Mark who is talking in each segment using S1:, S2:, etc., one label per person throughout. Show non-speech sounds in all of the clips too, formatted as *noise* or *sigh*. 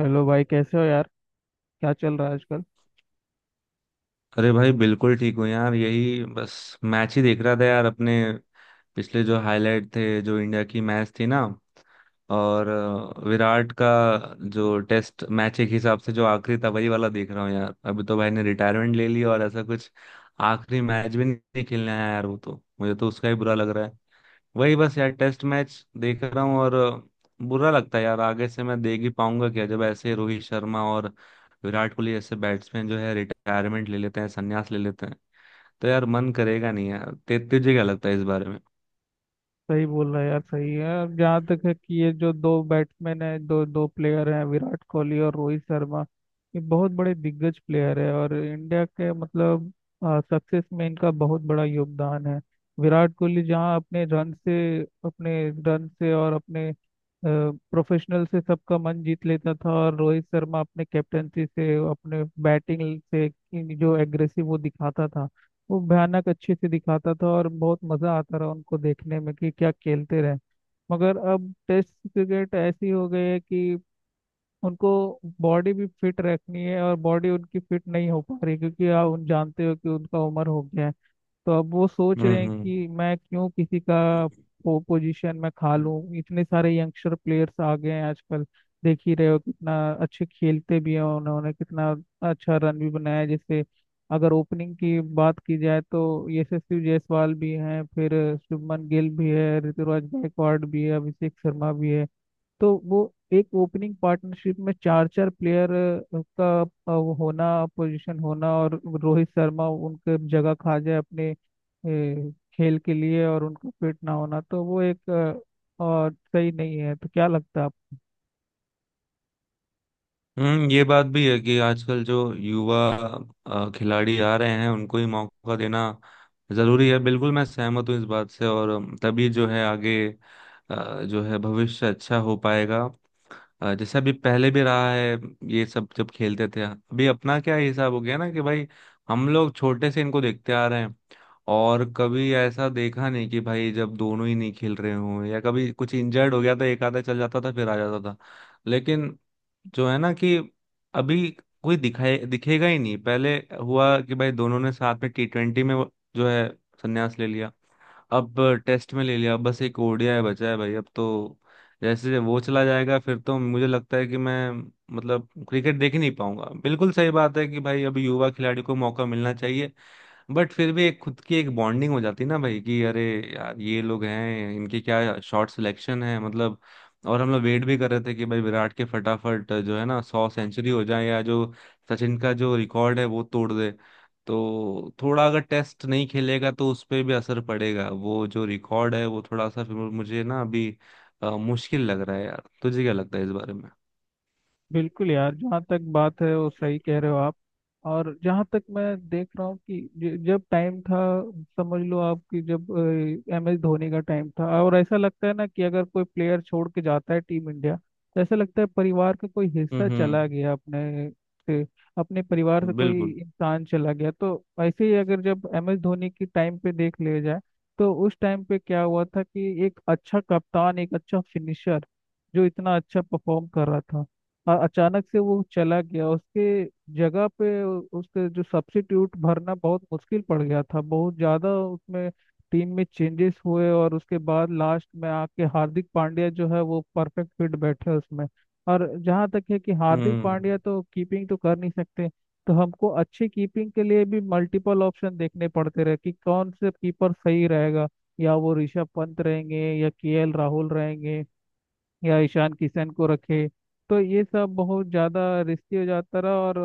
S1: Hello भाई, कैसे हो यार? क्या चल रहा है आजकल?
S2: अरे भाई बिल्कुल ठीक हूँ यार। यही बस मैच ही देख रहा था यार अपने पिछले जो हाईलाइट थे, जो इंडिया की मैच थी ना। और विराट का जो टेस्ट मैच एक हिसाब से जो आखिरी था, वही वाला देख रहा हूँ यार। अभी तो भाई ने रिटायरमेंट ले ली और ऐसा कुछ आखिरी मैच भी नहीं खेलने आया यार वो तो। मुझे तो उसका ही बुरा लग रहा है। वही बस यार टेस्ट मैच देख रहा हूँ। और बुरा लगता है यार, आगे से मैं देख ही पाऊंगा क्या जब ऐसे रोहित शर्मा और विराट कोहली जैसे बैट्समैन जो है रिटायरमेंट ले लेते हैं, संन्यास ले लेते हैं। तो यार मन करेगा नहीं यार। तुझे क्या लगता है इस बारे में।
S1: सही बोल रहा है यार, सही है। अब जहाँ तक है कि ये जो दो बैट्समैन है, दो दो प्लेयर हैं, विराट कोहली और रोहित शर्मा। ये बहुत बड़े दिग्गज प्लेयर है और इंडिया के मतलब सक्सेस में इनका बहुत बड़ा योगदान है। विराट कोहली जहाँ अपने रन से और अपने प्रोफेशनल से सबका मन जीत लेता था, और रोहित शर्मा अपने कैप्टनसी से, अपने बैटिंग से, कि जो एग्रेसिव वो दिखाता था, वो भयानक अच्छे से दिखाता था। और बहुत मजा आता रहा उनको देखने में कि क्या खेलते रहे। मगर अब टेस्ट क्रिकेट ऐसी हो गई है कि उनको बॉडी भी फिट रखनी है, और बॉडी उनकी फिट नहीं हो पा रही क्योंकि आप उन जानते हो कि उनका उम्र हो गया है। तो अब वो सोच
S2: हम्म
S1: रहे हैं
S2: हम्म
S1: कि मैं क्यों किसी का पोजीशन में खा लूं। इतने सारे यंगस्टर प्लेयर्स आ गए हैं आजकल, देख ही रहे हो कितना अच्छे खेलते भी हैं, उन्होंने कितना अच्छा रन भी बनाया है। जैसे अगर ओपनिंग की बात की जाए तो यशस्वी जायसवाल भी हैं, फिर शुभमन गिल भी है, ऋतुराज गायकवाड़ भी है, अभिषेक शर्मा भी है। तो वो एक ओपनिंग पार्टनरशिप में चार चार प्लेयर का वो होना, पोजीशन होना, और रोहित शर्मा उनके जगह खा जाए अपने ए, खेल के लिए, और उनका फिट ना होना, तो वो एक और सही नहीं है। तो क्या लगता है?
S2: हम्म, ये बात भी है कि आजकल जो युवा खिलाड़ी आ रहे हैं उनको ही मौका देना जरूरी है। बिल्कुल मैं सहमत हूँ इस बात से। और तभी जो है आगे जो है भविष्य अच्छा हो पाएगा। जैसे अभी पहले भी रहा है ये सब जब खेलते थे। अभी अपना क्या हिसाब हो गया ना कि भाई हम लोग छोटे से इनको देखते आ रहे हैं। और कभी ऐसा देखा नहीं कि भाई जब दोनों ही नहीं खेल रहे हों, या कभी कुछ इंजर्ड हो गया तो एक आधा चल जाता था, फिर आ जाता था। लेकिन जो है ना कि अभी कोई दिखाए दिखेगा ही नहीं। पहले हुआ कि भाई दोनों ने साथ में टी ट्वेंटी में जो है संन्यास ले लिया। अब टेस्ट में ले लिया। अब बस एक ओडीआई बचा है भाई। अब तो जैसे वो चला जाएगा फिर तो मुझे लगता है कि मैं मतलब क्रिकेट देख ही नहीं पाऊंगा। बिल्कुल सही बात है कि भाई अभी युवा खिलाड़ी को मौका मिलना चाहिए। बट फिर भी एक खुद की एक बॉन्डिंग हो जाती है ना भाई कि अरे यार ये लोग हैं, इनके क्या शॉट सिलेक्शन है मतलब। और हम लोग वेट भी कर रहे थे कि भाई विराट के फटाफट जो है ना सौ सेंचुरी हो जाए, या जो सचिन का जो रिकॉर्ड है वो तोड़ दे। तो थोड़ा अगर टेस्ट नहीं खेलेगा तो उस पर भी असर पड़ेगा, वो जो रिकॉर्ड है वो थोड़ा सा फिर मुझे ना अभी मुश्किल लग रहा है यार। तुझे क्या लगता है इस बारे में।
S1: बिल्कुल यार, जहाँ तक बात है वो सही कह रहे हो आप। और जहाँ तक मैं देख रहा हूँ कि जब टाइम था, समझ लो आप, कि जब एम एस धोनी का टाइम था, और ऐसा लगता है ना कि अगर कोई प्लेयर छोड़ के जाता है टीम इंडिया, तो ऐसा लगता है परिवार का कोई हिस्सा
S2: हम्म हम्म
S1: चला गया अपने से, अपने परिवार से कोई
S2: बिल्कुल।
S1: इंसान चला गया। तो ऐसे ही, अगर जब एम एस धोनी की टाइम पे देख लिया जाए, तो उस टाइम पे क्या हुआ था कि एक अच्छा कप्तान, एक अच्छा फिनिशर, जो इतना अच्छा परफॉर्म कर रहा था, अचानक से वो चला गया। उसके जगह पे, उसके जो सब्स्टिट्यूट भरना बहुत मुश्किल पड़ गया था। बहुत ज़्यादा उसमें टीम में चेंजेस हुए, और उसके बाद लास्ट में आके हार्दिक पांड्या जो है वो परफेक्ट फिट बैठे उसमें। और जहाँ तक है कि हार्दिक
S2: हम्म,
S1: पांड्या तो कीपिंग तो कर नहीं सकते, तो हमको अच्छी कीपिंग के लिए भी मल्टीपल ऑप्शन देखने पड़ते रहे कि कौन से कीपर सही रहेगा, या वो ऋषभ पंत रहेंगे, या केएल राहुल रहेंगे, या ईशान किशन को रखे। तो ये सब बहुत ज़्यादा रिस्की हो जाता रहा, और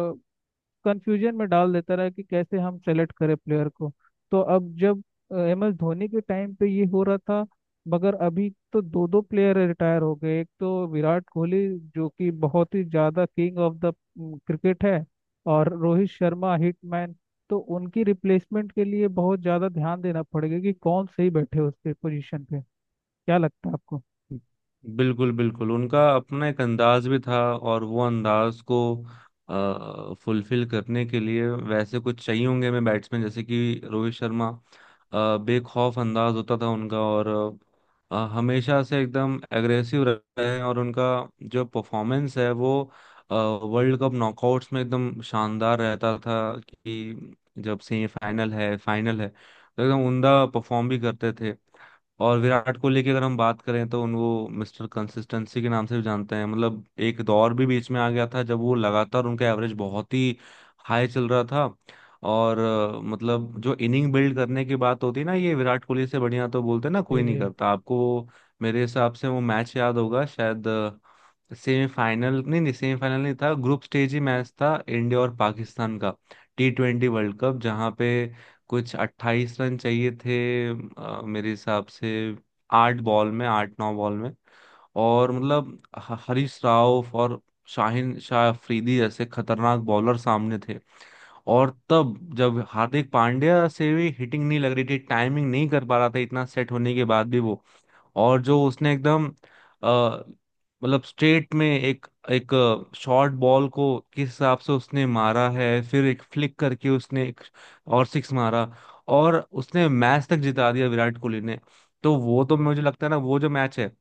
S1: कंफ्यूजन में डाल देता रहा कि कैसे हम सेलेक्ट करें प्लेयर को। तो अब जब एम एस धोनी के टाइम पे ये हो रहा था, मगर अभी तो दो दो प्लेयर रिटायर हो गए, एक तो विराट कोहली, जो कि बहुत ही ज़्यादा किंग ऑफ द क्रिकेट है, और रोहित शर्मा हिटमैन। तो उनकी रिप्लेसमेंट के लिए बहुत ज़्यादा ध्यान देना पड़ेगा कि कौन सही बैठे उसके पोजीशन पे। क्या लगता है आपको?
S2: बिल्कुल बिल्कुल उनका अपना एक अंदाज भी था और वो अंदाज को फुलफिल करने के लिए वैसे कुछ चाहिए होंगे हमें बैट्समैन, जैसे कि रोहित शर्मा। बेखौफ अंदाज होता था उनका और हमेशा से एकदम एग्रेसिव रहे हैं। और उनका जो परफॉर्मेंस है वो वर्ल्ड कप नॉकआउट्स में एकदम शानदार रहता था कि जब सेमीफाइनल है, फाइनल है तो एकदम उमदा परफॉर्म भी करते थे। और विराट कोहली की अगर हम बात करें तो उनको मिस्टर कंसिस्टेंसी के नाम से भी जानते हैं। मतलब एक दौर भी बीच में आ गया था जब वो लगातार उनका एवरेज बहुत ही हाई चल रहा था। और मतलब जो इनिंग बिल्ड करने की बात होती है ना, ये विराट कोहली से बढ़िया तो बोलते हैं ना कोई
S1: जी
S2: नहीं
S1: जी
S2: करता। आपको मेरे हिसाब से वो मैच याद होगा शायद। सेमीफाइनल नहीं, नहीं सेमीफाइनल नहीं था, ग्रुप स्टेज ही मैच था इंडिया और पाकिस्तान का, टी ट्वेंटी वर्ल्ड कप। जहाँ पे कुछ 28 रन चाहिए थे मेरे हिसाब से आठ बॉल में, आठ नौ बॉल में। और मतलब हरीश राव और शाहिन शाह अफरीदी जैसे खतरनाक बॉलर सामने थे। और तब जब हार्दिक पांड्या से भी हिटिंग नहीं लग रही थी, टाइमिंग नहीं कर पा रहा था इतना सेट होने के बाद भी वो। और जो उसने एकदम अ, मतलब स्ट्रेट में एक एक शॉर्ट बॉल को किस हिसाब से उसने मारा है, फिर एक फ्लिक करके उसने एक और सिक्स मारा। और उसने मैच तक जिता दिया विराट कोहली ने। तो वो तो मुझे लगता है ना वो जो मैच है,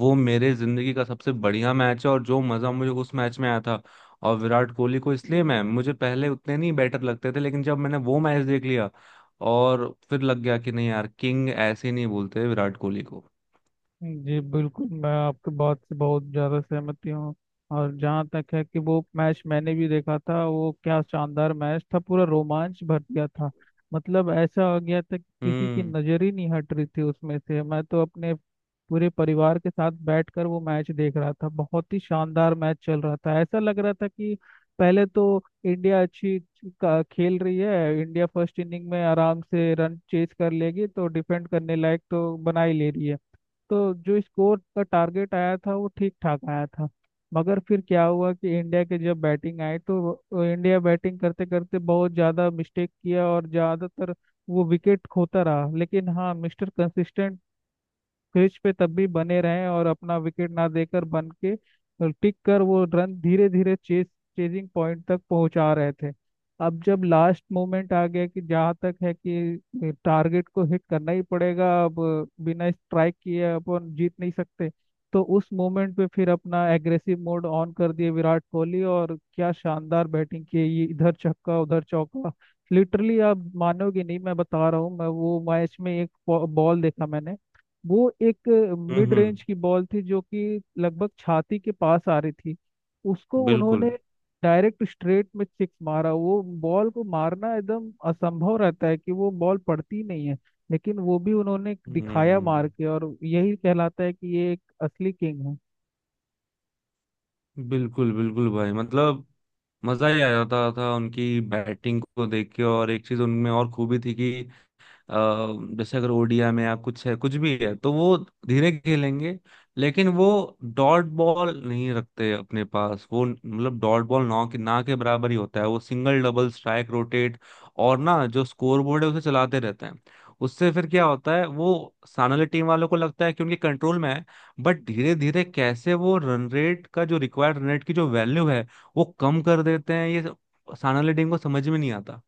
S2: वो मेरे जिंदगी का सबसे बढ़िया मैच है। और जो मजा मुझे उस मैच में आया था, और विराट कोहली को इसलिए मैं, मुझे पहले उतने नहीं बेटर लगते थे, लेकिन जब मैंने वो मैच देख लिया और फिर लग गया कि नहीं यार, किंग ऐसे नहीं बोलते विराट कोहली को।
S1: जी, बिल्कुल, मैं आपके बात से बहुत ज़्यादा सहमति हूँ। और जहाँ तक है कि वो मैच मैंने भी देखा था, वो क्या शानदार मैच था, पूरा रोमांच भर दिया था। मतलब ऐसा हो गया था कि किसी की
S2: हम्म
S1: नज़र ही नहीं हट रही थी उसमें से। मैं तो अपने पूरे परिवार के साथ बैठकर वो मैच देख रहा था। बहुत ही शानदार मैच चल रहा था, ऐसा लग रहा था कि पहले तो इंडिया अच्छी खेल रही है, इंडिया फर्स्ट इनिंग में आराम से रन चेज कर लेगी, तो डिफेंड करने लायक तो बना ही ले रही है। तो जो स्कोर का टारगेट आया था वो ठीक ठाक आया था। मगर फिर क्या हुआ कि इंडिया के जब बैटिंग आई तो इंडिया बैटिंग करते करते बहुत ज़्यादा मिस्टेक किया, और ज़्यादातर वो विकेट खोता रहा। लेकिन हाँ, मिस्टर कंसिस्टेंट क्रीज पे तब भी बने रहें, और अपना विकेट ना देकर, बन के और टिक कर, वो रन धीरे धीरे चेस चेजिंग पॉइंट तक पहुंचा रहे थे। अब जब लास्ट मोमेंट आ गया कि जहाँ तक है कि टारगेट को हिट करना ही पड़ेगा अब, बिना स्ट्राइक किए अपन जीत नहीं सकते, तो उस मोमेंट पे फिर अपना एग्रेसिव मोड ऑन कर दिए विराट कोहली, और क्या शानदार बैटिंग की, ये इधर छक्का उधर चौका। लिटरली आप मानोगे नहीं, मैं बता रहा हूँ, मैं वो मैच में एक बॉल देखा मैंने। वो एक
S2: हम्म
S1: मिड
S2: हम्म,
S1: रेंज की बॉल थी जो कि लगभग छाती के पास आ रही थी। उसको उन्होंने
S2: बिल्कुल।
S1: डायरेक्ट स्ट्रेट में सिक्स मारा। वो बॉल को मारना एकदम असंभव रहता है, कि वो बॉल पड़ती नहीं है, लेकिन वो भी उन्होंने दिखाया मार
S2: हम्म,
S1: के। और यही कहलाता है कि ये एक असली किंग है।
S2: बिल्कुल बिल्कुल भाई मतलब मजा ही आ जाता था उनकी बैटिंग को देख के। और एक चीज उनमें और खूबी थी कि अ, जैसे अगर ओडिया में या कुछ है, कुछ भी है तो वो धीरे खेलेंगे। लेकिन वो डॉट बॉल नहीं रखते अपने पास वो, मतलब डॉट बॉल ना के बराबर ही होता है वो। सिंगल डबल स्ट्राइक रोटेट, और ना जो स्कोर बोर्ड है उसे चलाते रहते हैं। उससे फिर क्या होता है वो सामने वाली टीम वालों को लगता है कि उनके कंट्रोल में है। बट धीरे धीरे कैसे वो रन रेट का जो रिक्वायर्ड रन रेट की जो वैल्यू है वो कम कर देते हैं, ये सामने वाली टीम को समझ में नहीं आता।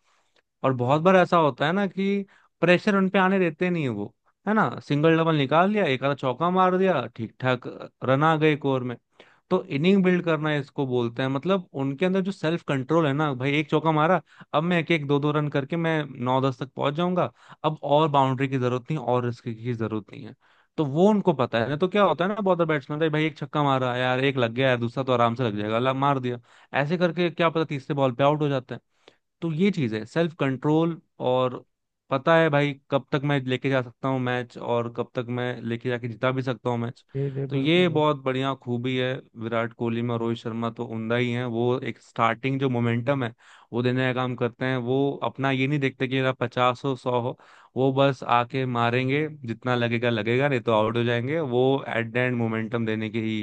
S2: और बहुत बार ऐसा होता है ना कि प्रेशर उन पे आने देते नहीं है वो। है ना, सिंगल डबल निकाल लिया, एक आधा चौका मार दिया, ठीक ठाक रन आ गए एक ओवर में। तो इनिंग बिल्ड करना है इसको बोलते हैं। मतलब उनके अंदर जो सेल्फ कंट्रोल है ना भाई, एक चौका मारा, अब मैं एक एक दो दो रन करके मैं नौ दस तक पहुंच जाऊंगा, अब और बाउंड्री की जरूरत नहीं और रिस्क की जरूरत नहीं है। तो वो उनको पता है ना। तो क्या होता है ना बहुत बैट्समैन का, भाई एक छक्का मारा यार एक लग गया, यार दूसरा तो आराम से लग जाएगा, मार दिया, ऐसे करके क्या पता तीसरे बॉल पे आउट हो जाते हैं। तो ये चीज है सेल्फ कंट्रोल। और पता है भाई कब तक मैं लेके जा सकता हूँ मैच, और कब तक मैं लेके जाके जिता भी सकता हूँ मैच।
S1: जी जी
S2: तो ये
S1: बिल्कुल।
S2: बहुत बढ़िया खूबी है विराट कोहली में। और रोहित शर्मा तो उमदा ही हैं, वो एक स्टार्टिंग जो मोमेंटम है वो देने का काम करते हैं। वो अपना ये नहीं देखते कि मेरा पचास हो, सौ हो, वो बस आके मारेंगे, जितना लगेगा लगेगा, नहीं तो आउट हो जाएंगे। वो एट द एंड मोमेंटम देने के ही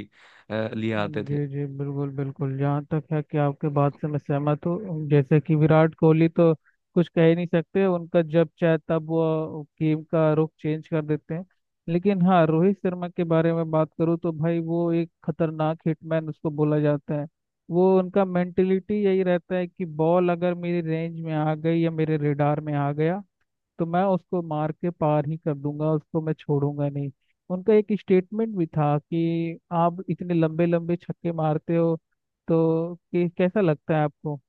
S2: लिए आते थे।
S1: जी जी बिल्कुल, बिल्कुल, जहाँ तक है कि आपके बात से मैं सहमत हूँ। जैसे कि विराट कोहली तो कुछ कह ही नहीं सकते, उनका जब चाहे तब वो गेम का रुख चेंज कर देते हैं। लेकिन हाँ, रोहित शर्मा के बारे में बात करूँ तो भाई, वो एक खतरनाक हिटमैन उसको बोला जाता है। वो, उनका मेंटेलिटी यही रहता है कि बॉल अगर मेरी रेंज में आ गई या मेरे रेडार में आ गया, तो मैं उसको मार के पार ही कर दूंगा, उसको मैं छोड़ूंगा नहीं। उनका एक स्टेटमेंट भी था कि आप इतने लंबे लंबे छक्के मारते हो, तो कि कैसा लगता है आपको?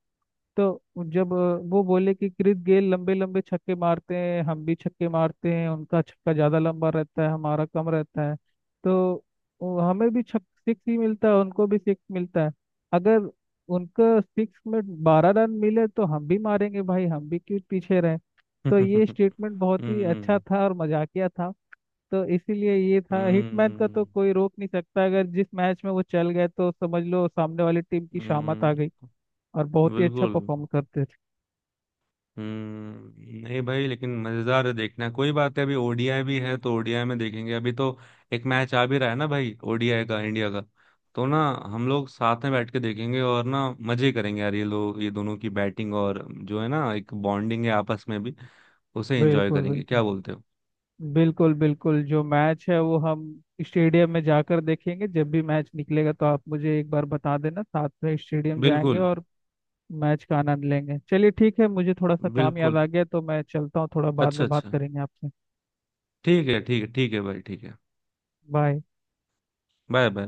S1: तो जब वो बोले कि क्रिस गेल लंबे लंबे छक्के मारते हैं, हम भी छक्के मारते हैं, उनका छक्का ज़्यादा लंबा रहता है, हमारा कम रहता है, तो हमें भी छक सिक्स ही मिलता है, उनको भी सिक्स मिलता है। अगर उनका सिक्स में 12 रन मिले तो हम भी मारेंगे भाई, हम भी क्यों पीछे रहे? तो ये
S2: *laughs* हम्म
S1: स्टेटमेंट बहुत ही अच्छा
S2: हम्म
S1: था और मजाकिया था। तो इसीलिए ये था, हिटमैन का तो
S2: हम्म
S1: कोई रोक नहीं सकता। अगर जिस मैच में वो चल गए तो समझ लो सामने वाली टीम की शामत आ
S2: हम्म।
S1: गई, और बहुत ही अच्छा
S2: बिल्कुल।
S1: परफॉर्म करते हैं।
S2: हम्म, नहीं भाई लेकिन मजेदार है देखना। कोई बात है, अभी ओडीआई भी है तो ओडीआई में देखेंगे अभी तो। एक मैच आ भी रहा है ना भाई ओडीआई का इंडिया का। तो ना हम लोग साथ में बैठ के देखेंगे और ना मजे करेंगे यार ये लोग, ये दोनों की बैटिंग, और जो है ना एक बॉन्डिंग है आपस में भी, उसे एंजॉय
S1: बिल्कुल,
S2: करेंगे।
S1: बिल्कुल,
S2: क्या बोलते हो।
S1: बिल्कुल, बिल्कुल। जो मैच है वो हम स्टेडियम में जाकर देखेंगे। जब भी मैच निकलेगा तो आप मुझे एक बार बता देना, साथ में स्टेडियम जाएंगे
S2: बिल्कुल
S1: और मैच का आनंद लेंगे। चलिए ठीक है, मुझे थोड़ा सा काम याद
S2: बिल्कुल।
S1: आ गया तो मैं चलता हूँ, थोड़ा बाद
S2: अच्छा
S1: में बात
S2: अच्छा,
S1: करेंगे आपसे।
S2: ठीक है ठीक है ठीक है भाई, ठीक है।
S1: बाय।
S2: Bye bye.